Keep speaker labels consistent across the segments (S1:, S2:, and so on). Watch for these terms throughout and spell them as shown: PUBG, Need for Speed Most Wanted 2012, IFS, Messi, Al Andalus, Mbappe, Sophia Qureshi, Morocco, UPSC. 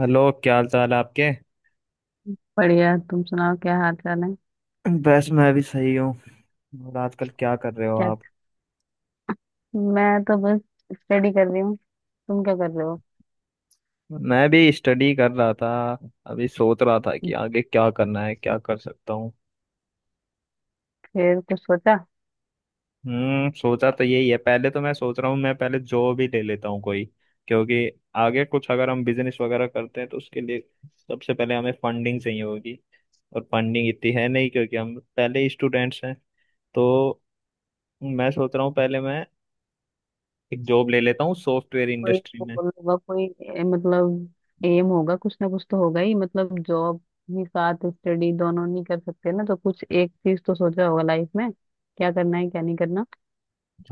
S1: Hello, क्या हाल चाल है आपके।
S2: बढ़िया। तुम सुनाओ, क्या हाल चाल है?
S1: बस मैं भी सही हूँ। और आजकल क्या कर रहे हो
S2: क्या?
S1: आप।
S2: मैं तो बस स्टडी कर रही हूँ। तुम क्या कर रहे हो?
S1: मैं भी स्टडी कर रहा था। अभी सोच रहा था कि आगे क्या करना है, क्या कर सकता हूँ।
S2: फिर कुछ सोचा?
S1: सोचा तो यही है, पहले तो मैं सोच रहा हूँ, मैं पहले जॉब ही ले लेता हूँ कोई। क्योंकि आगे कुछ अगर हम बिजनेस वगैरह करते हैं तो उसके लिए सबसे पहले हमें फंडिंग चाहिए होगी। और फंडिंग इतनी है नहीं, क्योंकि हम पहले स्टूडेंट्स हैं। तो मैं सोच रहा हूँ पहले मैं एक जॉब ले लेता हूँ सॉफ्टवेयर
S2: कोई
S1: इंडस्ट्री में।
S2: गोल होगा, कोई ए, मतलब एम होगा, कुछ ना कुछ तो होगा ही। मतलब जॉब भी साथ, स्टडी, दोनों नहीं कर सकते ना, तो कुछ एक चीज तो सोचा होगा लाइफ में, क्या करना है क्या नहीं करना।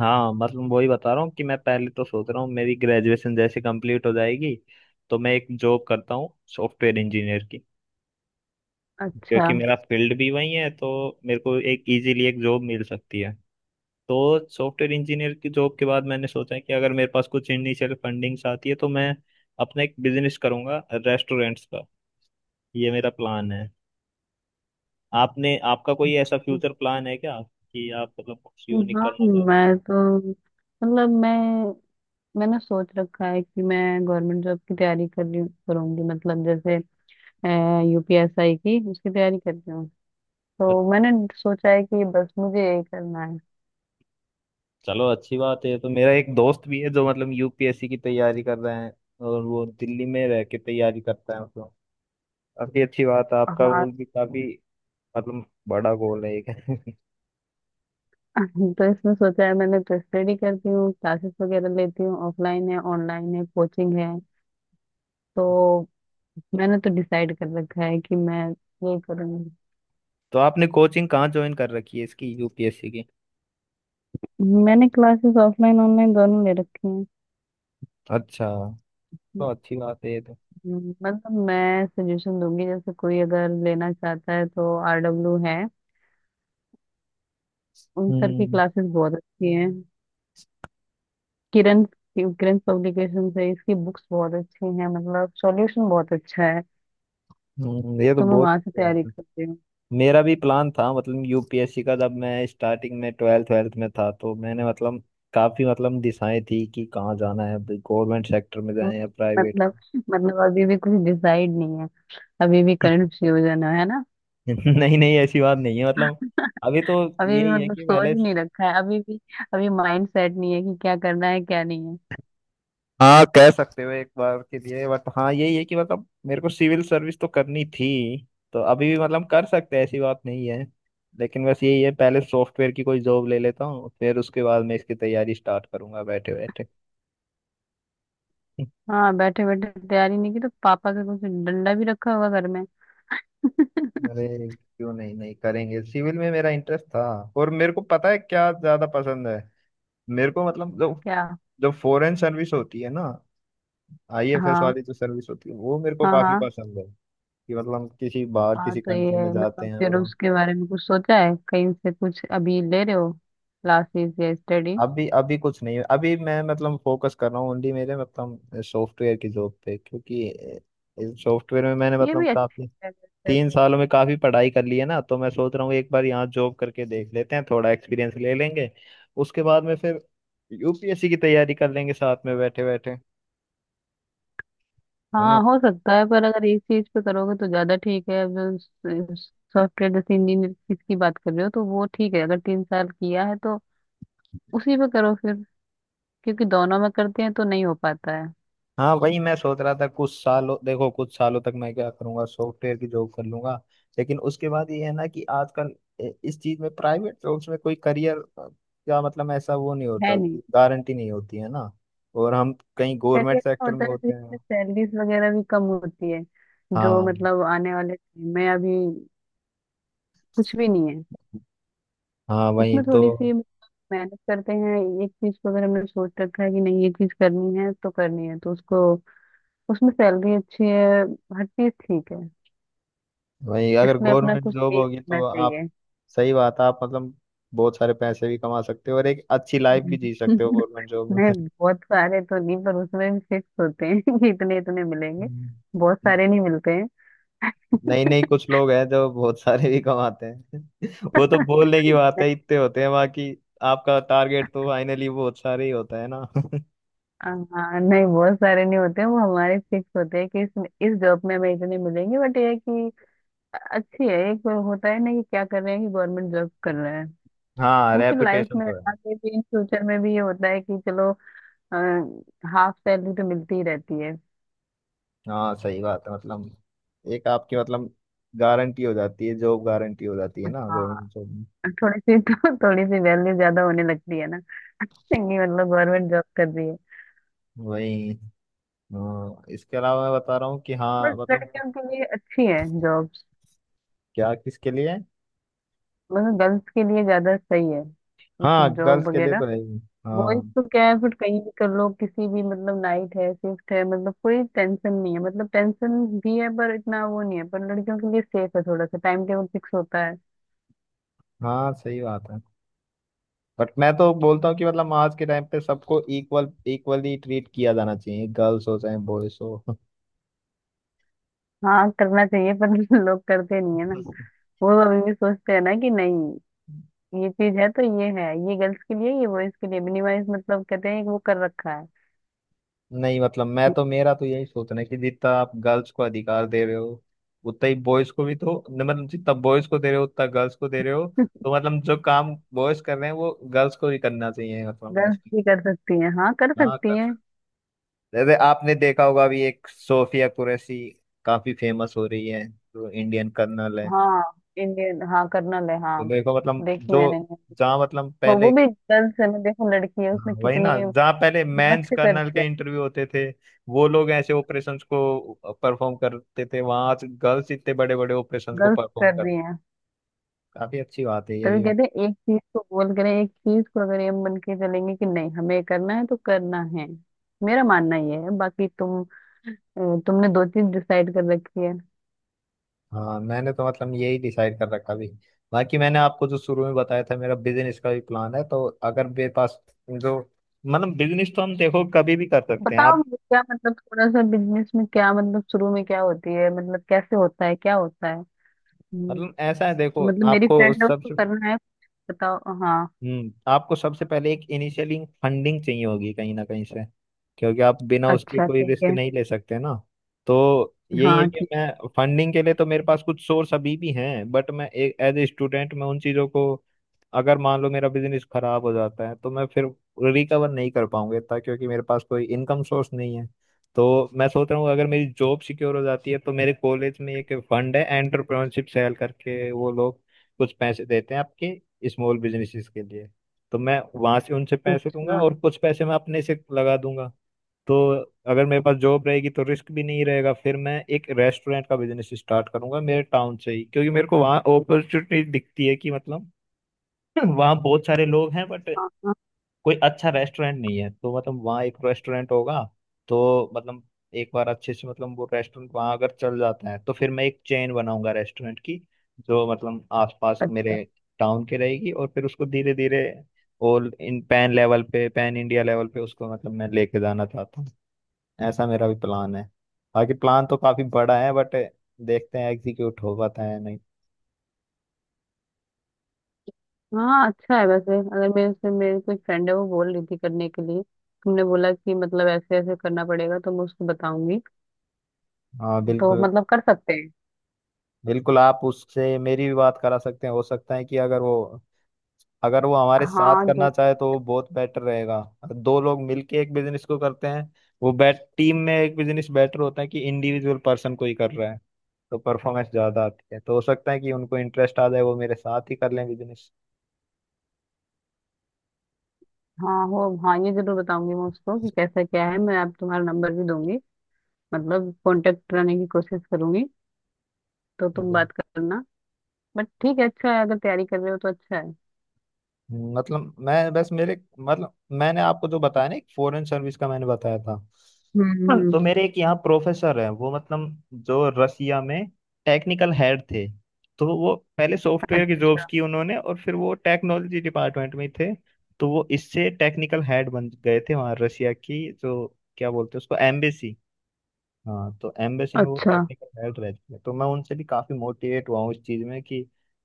S1: हाँ, मतलब वही बता रहा हूँ कि मैं पहले तो सोच रहा हूँ, मेरी ग्रेजुएशन जैसे कंप्लीट हो जाएगी तो मैं एक जॉब करता हूँ सॉफ्टवेयर इंजीनियर की।
S2: अच्छा।
S1: क्योंकि मेरा फील्ड भी वही है तो मेरे को एक इजीली एक जॉब मिल सकती है। तो सॉफ्टवेयर इंजीनियर की जॉब के बाद मैंने सोचा है कि अगर मेरे पास कुछ इनिशियल फंडिंग्स आती है तो मैं अपना एक बिजनेस करूंगा रेस्टोरेंट्स का। ये मेरा प्लान है। आपने आपका कोई ऐसा फ्यूचर प्लान है क्या, कि आप मतलब कुछ यूनिक
S2: हाँ,
S1: करना चाहते
S2: मैं तो, मतलब मैं मैंने सोच रखा है कि मैं गवर्नमेंट जॉब की तैयारी कर रही करूंगी। मतलब जैसे यूपीएसआई की, उसकी तैयारी कर रही हूँ। तो
S1: हो।
S2: मैंने सोचा है कि बस मुझे यही करना है।
S1: चलो अच्छी बात है, तो मेरा एक दोस्त भी है जो मतलब यूपीएससी की तैयारी कर रहे हैं, और वो दिल्ली में रह के तैयारी करता है। मतलब काफी अच्छी बात है, आपका
S2: हाँ।
S1: गोल भी काफी मतलब बड़ा गोल है एक
S2: तो इसमें सोचा है, मैंने तो स्टडी करती हूँ, क्लासेस वगैरह लेती हूँ। ऑफलाइन है, ऑनलाइन है, कोचिंग है। तो मैंने तो डिसाइड कर रखा है कि मैं यही करूँगी।
S1: तो आपने कोचिंग कहाँ ज्वाइन कर रखी है इसकी, यूपीएससी की।
S2: मैंने क्लासेस ऑफलाइन ऑनलाइन दोनों ले रखी हैं।
S1: अच्छा। तो अच्छी बात है ये तो।
S2: मतलब मैं सजेशन दूंगी, जैसे कोई अगर लेना चाहता है तो आरडब्ल्यू है, उन सर की
S1: हम्म
S2: क्लासेस बहुत अच्छी हैं। किरण किरण पब्लिकेशन से इसकी बुक्स बहुत अच्छी हैं, मतलब सॉल्यूशन बहुत अच्छा है।
S1: ये तो
S2: तो मैं
S1: बहुत
S2: वहां से
S1: अच्छी
S2: तैयारी
S1: बात है।
S2: करती हूँ।
S1: मेरा भी प्लान था मतलब यूपीएससी का, जब मैं स्टार्टिंग में ट्वेल्थ ट्वेल्थ में था तो मैंने मतलब काफी मतलब दिशाएं थी कि कहाँ जाना है, गवर्नमेंट सेक्टर में जाएं या प्राइवेट
S2: मतलब, मतलब अभी भी कुछ डिसाइड नहीं है, अभी भी
S1: में।
S2: कंफ्यूजन है ना?
S1: नहीं नहीं, ऐसी बात नहीं है, मतलब अभी तो
S2: अभी भी
S1: यही है
S2: मतलब
S1: कि
S2: सोच
S1: पहले।
S2: नहीं रखा है अभी भी, अभी माइंड सेट नहीं है कि क्या करना है क्या नहीं है।
S1: हाँ, कह सकते हो एक बार के लिए, बट हाँ यही है कि मतलब मेरे को सिविल सर्विस तो करनी थी। तो अभी भी मतलब कर सकते हैं, ऐसी बात नहीं है। लेकिन बस यही है, पहले सॉफ्टवेयर की कोई जॉब ले लेता हूँ, फिर उसके बाद मैं इसकी तैयारी स्टार्ट करूंगा बैठे बैठे
S2: हाँ, बैठे बैठे तैयारी नहीं की तो पापा का कुछ डंडा भी रखा होगा घर में।
S1: अरे क्यों, नहीं नहीं करेंगे, सिविल में मेरा इंटरेस्ट था। और मेरे को पता है क्या ज्यादा पसंद है मेरे को, मतलब जो
S2: क्या?
S1: जो फॉरेन सर्विस होती है ना, आईएफएस
S2: हाँ।
S1: वाली जो सर्विस होती है, वो मेरे को
S2: हाँ हाँ।
S1: काफी पसंद है। कि मतलब हम किसी बाहर
S2: हाँ,
S1: किसी
S2: तो ये
S1: कंट्री में
S2: है,
S1: जाते
S2: मतलब
S1: हैं
S2: फिर
S1: और वहाँ-।
S2: उसके बारे में कुछ सोचा है, कहीं से कुछ अभी ले रहे हो क्लासेस या स्टडी?
S1: अभी अभी कुछ नहीं है, अभी मैं मतलब फोकस कर रहा हूँ ओनली मेरे मतलब सॉफ्टवेयर की जॉब पे, क्योंकि सॉफ्टवेयर में मैंने
S2: ये
S1: मतलब
S2: भी अच्छी
S1: काफी
S2: है वैसे।
S1: 3 सालों में काफी पढ़ाई कर ली है ना। तो मैं सोच रहा हूँ एक बार यहाँ जॉब करके देख लेते हैं, थोड़ा एक्सपीरियंस ले लेंगे। उसके बाद में फिर यूपीएससी की तैयारी कर लेंगे साथ में बैठे बैठे, है ना।
S2: हाँ, हो सकता है, पर अगर एक चीज पे करोगे तो ज्यादा ठीक है। अब जो सॉफ्टवेयर जैसे इंजीनियर, किसकी बात कर रहे हो, तो वो ठीक है। अगर 3 साल किया है तो उसी पे करो फिर, क्योंकि दोनों में करते हैं तो नहीं हो पाता है।
S1: हाँ वही मैं सोच रहा था, कुछ सालों देखो कुछ सालों तक मैं क्या करूंगा, सॉफ्टवेयर की जॉब कर लूंगा। लेकिन उसके बाद ये है ना कि आजकल इस चीज में प्राइवेट जॉब्स में कोई करियर का मतलब ऐसा वो नहीं
S2: है
S1: होता,
S2: नहीं।
S1: कि गारंटी नहीं होती है ना। और हम कहीं
S2: चलिए,
S1: गवर्नमेंट
S2: अच्छा
S1: सेक्टर
S2: होता
S1: में
S2: है, तो
S1: होते हैं।
S2: इसमें सैलरीज वगैरह भी कम होती है जो,
S1: हाँ
S2: मतलब आने वाले टाइम में। अभी कुछ भी नहीं है।
S1: हाँ, वही
S2: उसमें
S1: तो।
S2: थोड़ी सी मतलब मेहनत करते हैं, एक चीज को, अगर हमने सोच रखा है कि नहीं ये चीज करनी है तो करनी है, तो उसको, उसमें सैलरी अच्छी है, हर चीज ठीक है।
S1: वही अगर
S2: इसमें अपना
S1: गवर्नमेंट
S2: कुछ
S1: जॉब
S2: एम
S1: होगी
S2: होना
S1: तो आप।
S2: चाहिए।
S1: सही बात है, आप मतलब बहुत सारे पैसे भी कमा सकते हो और एक अच्छी लाइफ भी
S2: हम्म।
S1: जी सकते हो गवर्नमेंट जॉब में।
S2: नहीं, बहुत सारे तो नहीं, पर उसमें भी फिक्स होते हैं कि इतने इतने मिलेंगे। बहुत
S1: हम्म।
S2: सारे नहीं मिलते हैं।
S1: नहीं नहीं, कुछ लोग हैं जो बहुत सारे भी कमाते हैं वो तो बोलने की बात
S2: नहीं,
S1: है, इतने होते हैं बाकी। आपका टारगेट तो फाइनली बहुत सारे ही होता है ना
S2: हाँ नहीं, बहुत सारे नहीं होते हैं। वो हमारे फिक्स होते हैं कि इस जॉब में हमें इतने मिलेंगे। बट ये है कि अच्छी है, एक वो होता है ना कि क्या कर रहे हैं कि गवर्नमेंट जॉब कर रहे हैं।
S1: हाँ,
S2: वो फिर लाइफ
S1: रेपुटेशन
S2: में
S1: तो है।
S2: आगे भी, इन फ्यूचर में भी ये होता है कि चलो हाफ सैलरी तो मिलती ही रहती है।
S1: हाँ सही बात है, मतलब एक आपकी मतलब गारंटी हो जाती है, जॉब गारंटी हो जाती है ना
S2: हाँ,
S1: गवर्नमेंट जॉब में।
S2: थोड़ी सी तो थोड़ी सी वैल्यू ज्यादा होने लगती है ना, चंगी मतलब गवर्नमेंट जॉब कर रही है।
S1: वही। हाँ, इसके अलावा मैं बता रहा हूँ कि, हाँ
S2: बट
S1: मतलब।
S2: लड़कियों के लिए अच्छी है जॉब्स,
S1: क्या, किसके लिए।
S2: मतलब गर्ल्स के लिए ज्यादा सही है ये सब
S1: हाँ, गर्ल्स
S2: जॉब
S1: के लिए
S2: वगैरह।
S1: तो है ही। हाँ
S2: बॉयज तो क्या है, फिर कहीं भी कर लो, किसी भी मतलब नाइट है, शिफ्ट है, मतलब कोई टेंशन नहीं है, मतलब टेंशन भी है पर इतना वो नहीं है, पर लड़कियों के लिए सेफ है, थोड़ा सा टाइम टेबल फिक्स होता है।
S1: हाँ, सही बात है। बट मैं तो बोलता हूँ कि मतलब आज के टाइम पे सबको इक्वल इक्वली ट्रीट किया जाना चाहिए, गर्ल्स हो चाहे बॉयज हो
S2: हाँ करना चाहिए, पर लोग करते नहीं है ना। वो अभी भी सोचते हैं ना कि नहीं ये चीज है तो ये है, ये गर्ल्स के लिए, ये बॉयज के लिए, मिनिमाइज मतलब, कहते हैं कि वो कर रखा है।
S1: नहीं मतलब मैं तो मेरा तो यही सोचना है कि जितना आप गर्ल्स को अधिकार दे रहे हो उतना ही बॉयज को, भी तो मतलब जितना बॉयज को दे रहे हो उतना गर्ल्स को दे रहे हो। तो मतलब जो काम बॉयज कर रहे हैं वो गर्ल्स को भी करना चाहिए मतलब
S2: गर्ल्स
S1: ऐसे।
S2: भी कर सकती हैं, हाँ कर
S1: हाँ कर
S2: सकती हैं।
S1: सकते। जैसे आपने देखा होगा, अभी एक सोफिया कुरैशी काफी फेमस हो रही है, जो इंडियन कर्नल है।
S2: हाँ। इंडियन, हाँ कर्नल है,
S1: तो
S2: हाँ।
S1: देखो मतलब
S2: देखी
S1: जो
S2: मैंने।
S1: जहाँ मतलब
S2: वो
S1: पहले।
S2: भी गर्ल्स है, मैं देखो लड़की है
S1: हाँ,
S2: उसमें
S1: वही ना,
S2: कितनी
S1: जहाँ पहले मेंस
S2: मस्त कर
S1: कर्नल
S2: दिया,
S1: के इंटरव्यू होते थे, वो लोग ऐसे ऑपरेशंस को परफॉर्म करते थे, वहां आज गर्ल्स इतने बड़े बड़े ऑपरेशंस को
S2: गलत
S1: परफॉर्म
S2: कर
S1: कर।
S2: दिए हैं।
S1: काफी अच्छी बात है ये
S2: तभी
S1: भी।
S2: कहते हैं एक चीज को, बोल करें एक चीज को, अगर ये मन के चलेंगे कि नहीं हमें करना है तो करना है। मेरा मानना ये है। बाकी तुम, अ, तुमने दो चीज डिसाइड कर रखी है।
S1: हाँ मैंने तो मतलब यही डिसाइड कर रखा भी। बाकी मैंने आपको जो शुरू में बताया था, मेरा बिजनेस का भी प्लान है, तो अगर मेरे पास जो मतलब बिजनेस तो हम देखो कभी भी कर सकते हैं
S2: बताओ
S1: आप।
S2: मुझे, क्या मतलब थोड़ा सा बिजनेस में, क्या मतलब शुरू में क्या होती है, मतलब कैसे होता है, क्या होता है? हम्म,
S1: मतलब ऐसा है देखो,
S2: मतलब मेरी
S1: आपको
S2: फ्रेंड है, उसको
S1: सबसे
S2: करना है। बताओ। हाँ।
S1: आपको सबसे पहले एक इनिशियली फंडिंग चाहिए होगी, कहीं ना कहीं से, क्योंकि आप बिना उसके
S2: अच्छा
S1: कोई
S2: ठीक
S1: रिस्क
S2: है।
S1: नहीं ले सकते ना। तो यही है
S2: हाँ
S1: कि
S2: ठीक।
S1: मैं फंडिंग के लिए तो मेरे पास कुछ सोर्स अभी भी हैं, बट मैं एक एज ए स्टूडेंट मैं उन चीज़ों को, अगर मान लो मेरा बिजनेस खराब हो जाता है तो मैं फिर रिकवर नहीं कर पाऊंगा इतना, क्योंकि मेरे पास कोई इनकम सोर्स नहीं है। तो मैं सोच रहा हूँ अगर मेरी जॉब सिक्योर हो जाती है तो मेरे कॉलेज में एक फंड है एंटरप्रेन्योरशिप सेल करके, वो लोग कुछ पैसे देते हैं आपके स्मॉल बिजनेसेस के लिए। तो मैं वहां से उनसे पैसे लूंगा
S2: अच्छा।
S1: और कुछ पैसे मैं अपने से लगा दूंगा। तो अगर मेरे पास जॉब रहेगी तो रिस्क भी नहीं रहेगा, फिर मैं एक रेस्टोरेंट का बिजनेस स्टार्ट करूंगा मेरे टाउन से ही, क्योंकि मेरे को वहाँ अपॉर्चुनिटी दिखती है कि मतलब वहाँ बहुत सारे लोग हैं, बट
S2: हाँ।
S1: कोई अच्छा रेस्टोरेंट नहीं है, तो मतलब वहाँ एक रेस्टोरेंट होगा। तो मतलब एक बार अच्छे से मतलब वो रेस्टोरेंट वहाँ अगर चल जाता है तो फिर मैं एक चेन बनाऊंगा रेस्टोरेंट की, जो मतलब आसपास
S2: अच्छा।
S1: मेरे टाउन के रहेगी, और फिर उसको धीरे धीरे ऑल इन पैन लेवल पे पैन इंडिया लेवल पे उसको मतलब मैं लेके जाना चाहता हूँ। ऐसा मेरा भी प्लान है। बाकी प्लान तो काफी बड़ा है बट देखते हैं एग्जीक्यूट हो पाता है या नहीं।
S2: हाँ, अच्छा है वैसे, अगर मेरे से, मेरी कोई फ्रेंड है वो बोल रही थी करने के लिए। तुमने बोला कि मतलब ऐसे ऐसे करना पड़ेगा, तो मैं उसको बताऊंगी।
S1: हाँ
S2: तो
S1: बिल्कुल।
S2: मतलब कर सकते हैं।
S1: बिल्कुल, आप उससे मेरी भी बात करा सकते हैं, हो सकता है कि अगर वो हमारे साथ
S2: हाँ जो,
S1: करना चाहे तो वो बहुत बेटर रहेगा। अगर दो लोग मिलके एक बिजनेस को करते हैं, वो बेट टीम में एक बिजनेस बेटर होता है कि इंडिविजुअल पर्सन को ही कर रहा है। तो परफॉर्मेंस ज्यादा आती है, तो हो सकता है कि उनको इंटरेस्ट आ जाए वो मेरे साथ ही कर लें बिजनेस।
S2: हाँ हो, हाँ ये जरूर बताऊंगी मैं उसको कि कैसा क्या है। मैं आप तुम्हारा नंबर भी दूंगी, मतलब कांटेक्ट कराने की कोशिश करूंगी, तो तुम बात करना। बट ठीक है, अच्छा है, अगर तैयारी कर रहे हो तो अच्छा है।
S1: मतलब मैं बस मेरे मतलब मैंने आपको जो बताया ना, एक फॉरेन सर्विस का मैंने बताया था।
S2: हम्म
S1: हाँ, तो
S2: हम्म।
S1: मेरे एक यहाँ प्रोफेसर है, वो मतलब जो रसिया में टेक्निकल हेड थे। तो वो पहले सॉफ्टवेयर की जॉब्स की उन्होंने, और फिर वो टेक्नोलॉजी डिपार्टमेंट में थे। तो वो इससे टेक्निकल हेड बन गए थे, वहाँ रसिया की जो क्या बोलते हैं उसको एम्बेसी। हाँ, तो एम्बेसी में वो
S2: अच्छा।
S1: टेक्निकल हेल्प रहती है, तो मैं उनसे भी काफी मोटिवेट हुआ हूँ इस चीज में कि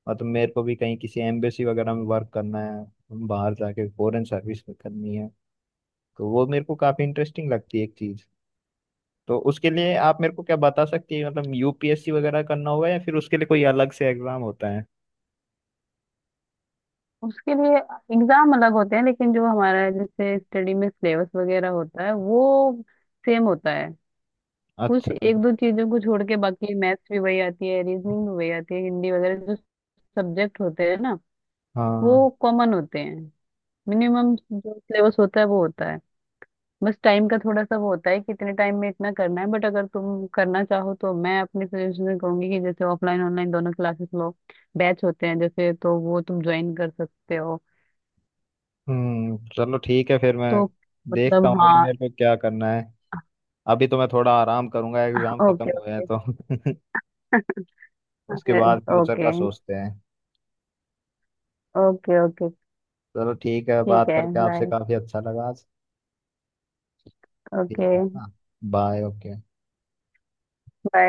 S1: मतलब मेरे को भी कहीं किसी एम्बेसी वगैरह में वर्क करना है। बाहर जाके फॉरेन सर्विस में करनी है। तो वो मेरे को काफी इंटरेस्टिंग लगती है एक चीज। तो उसके लिए आप मेरे को क्या बता सकती है, मतलब यूपीएससी वगैरह करना होगा या फिर उसके लिए कोई अलग से एग्जाम होता है।
S2: उसके लिए एग्जाम अलग होते हैं, लेकिन जो हमारा जैसे स्टडी में सिलेबस वगैरह होता है वो सेम होता है। कुछ
S1: अच्छा।
S2: एक दो चीजों को छोड़ के, बाकी मैथ्स भी वही आती है, रीजनिंग भी वही आती है, हिंदी वगैरह जो सब्जेक्ट होते हैं ना,
S1: हाँ।
S2: वो कॉमन होते हैं। मिनिमम जो सिलेबस होता है वो होता है। बस टाइम का थोड़ा सा वो होता है कि इतने टाइम में इतना करना है। बट अगर तुम करना चाहो तो मैं अपने सजेशन कहूंगी कि जैसे ऑफलाइन ऑनलाइन दोनों क्लासेस लो, बैच होते हैं जैसे, तो वो तुम ज्वाइन कर सकते हो।
S1: चलो ठीक है, फिर मैं
S2: तो
S1: देखता
S2: मतलब
S1: हूँ अभी
S2: हाँ।
S1: मेरे को क्या करना है। अभी तो मैं थोड़ा आराम करूंगा, एग्जाम खत्म
S2: ओके
S1: हुए हैं
S2: ओके।
S1: तो उसके बाद फ्यूचर
S2: ओके।
S1: का सोचते हैं।
S2: Okay okay.
S1: चलो ठीक है,
S2: ठीक
S1: बात
S2: है,
S1: करके आपसे
S2: बाय।
S1: काफी अच्छा लगा आज। ठीक
S2: ओके।
S1: है ना। Bye, okay.
S2: बाय।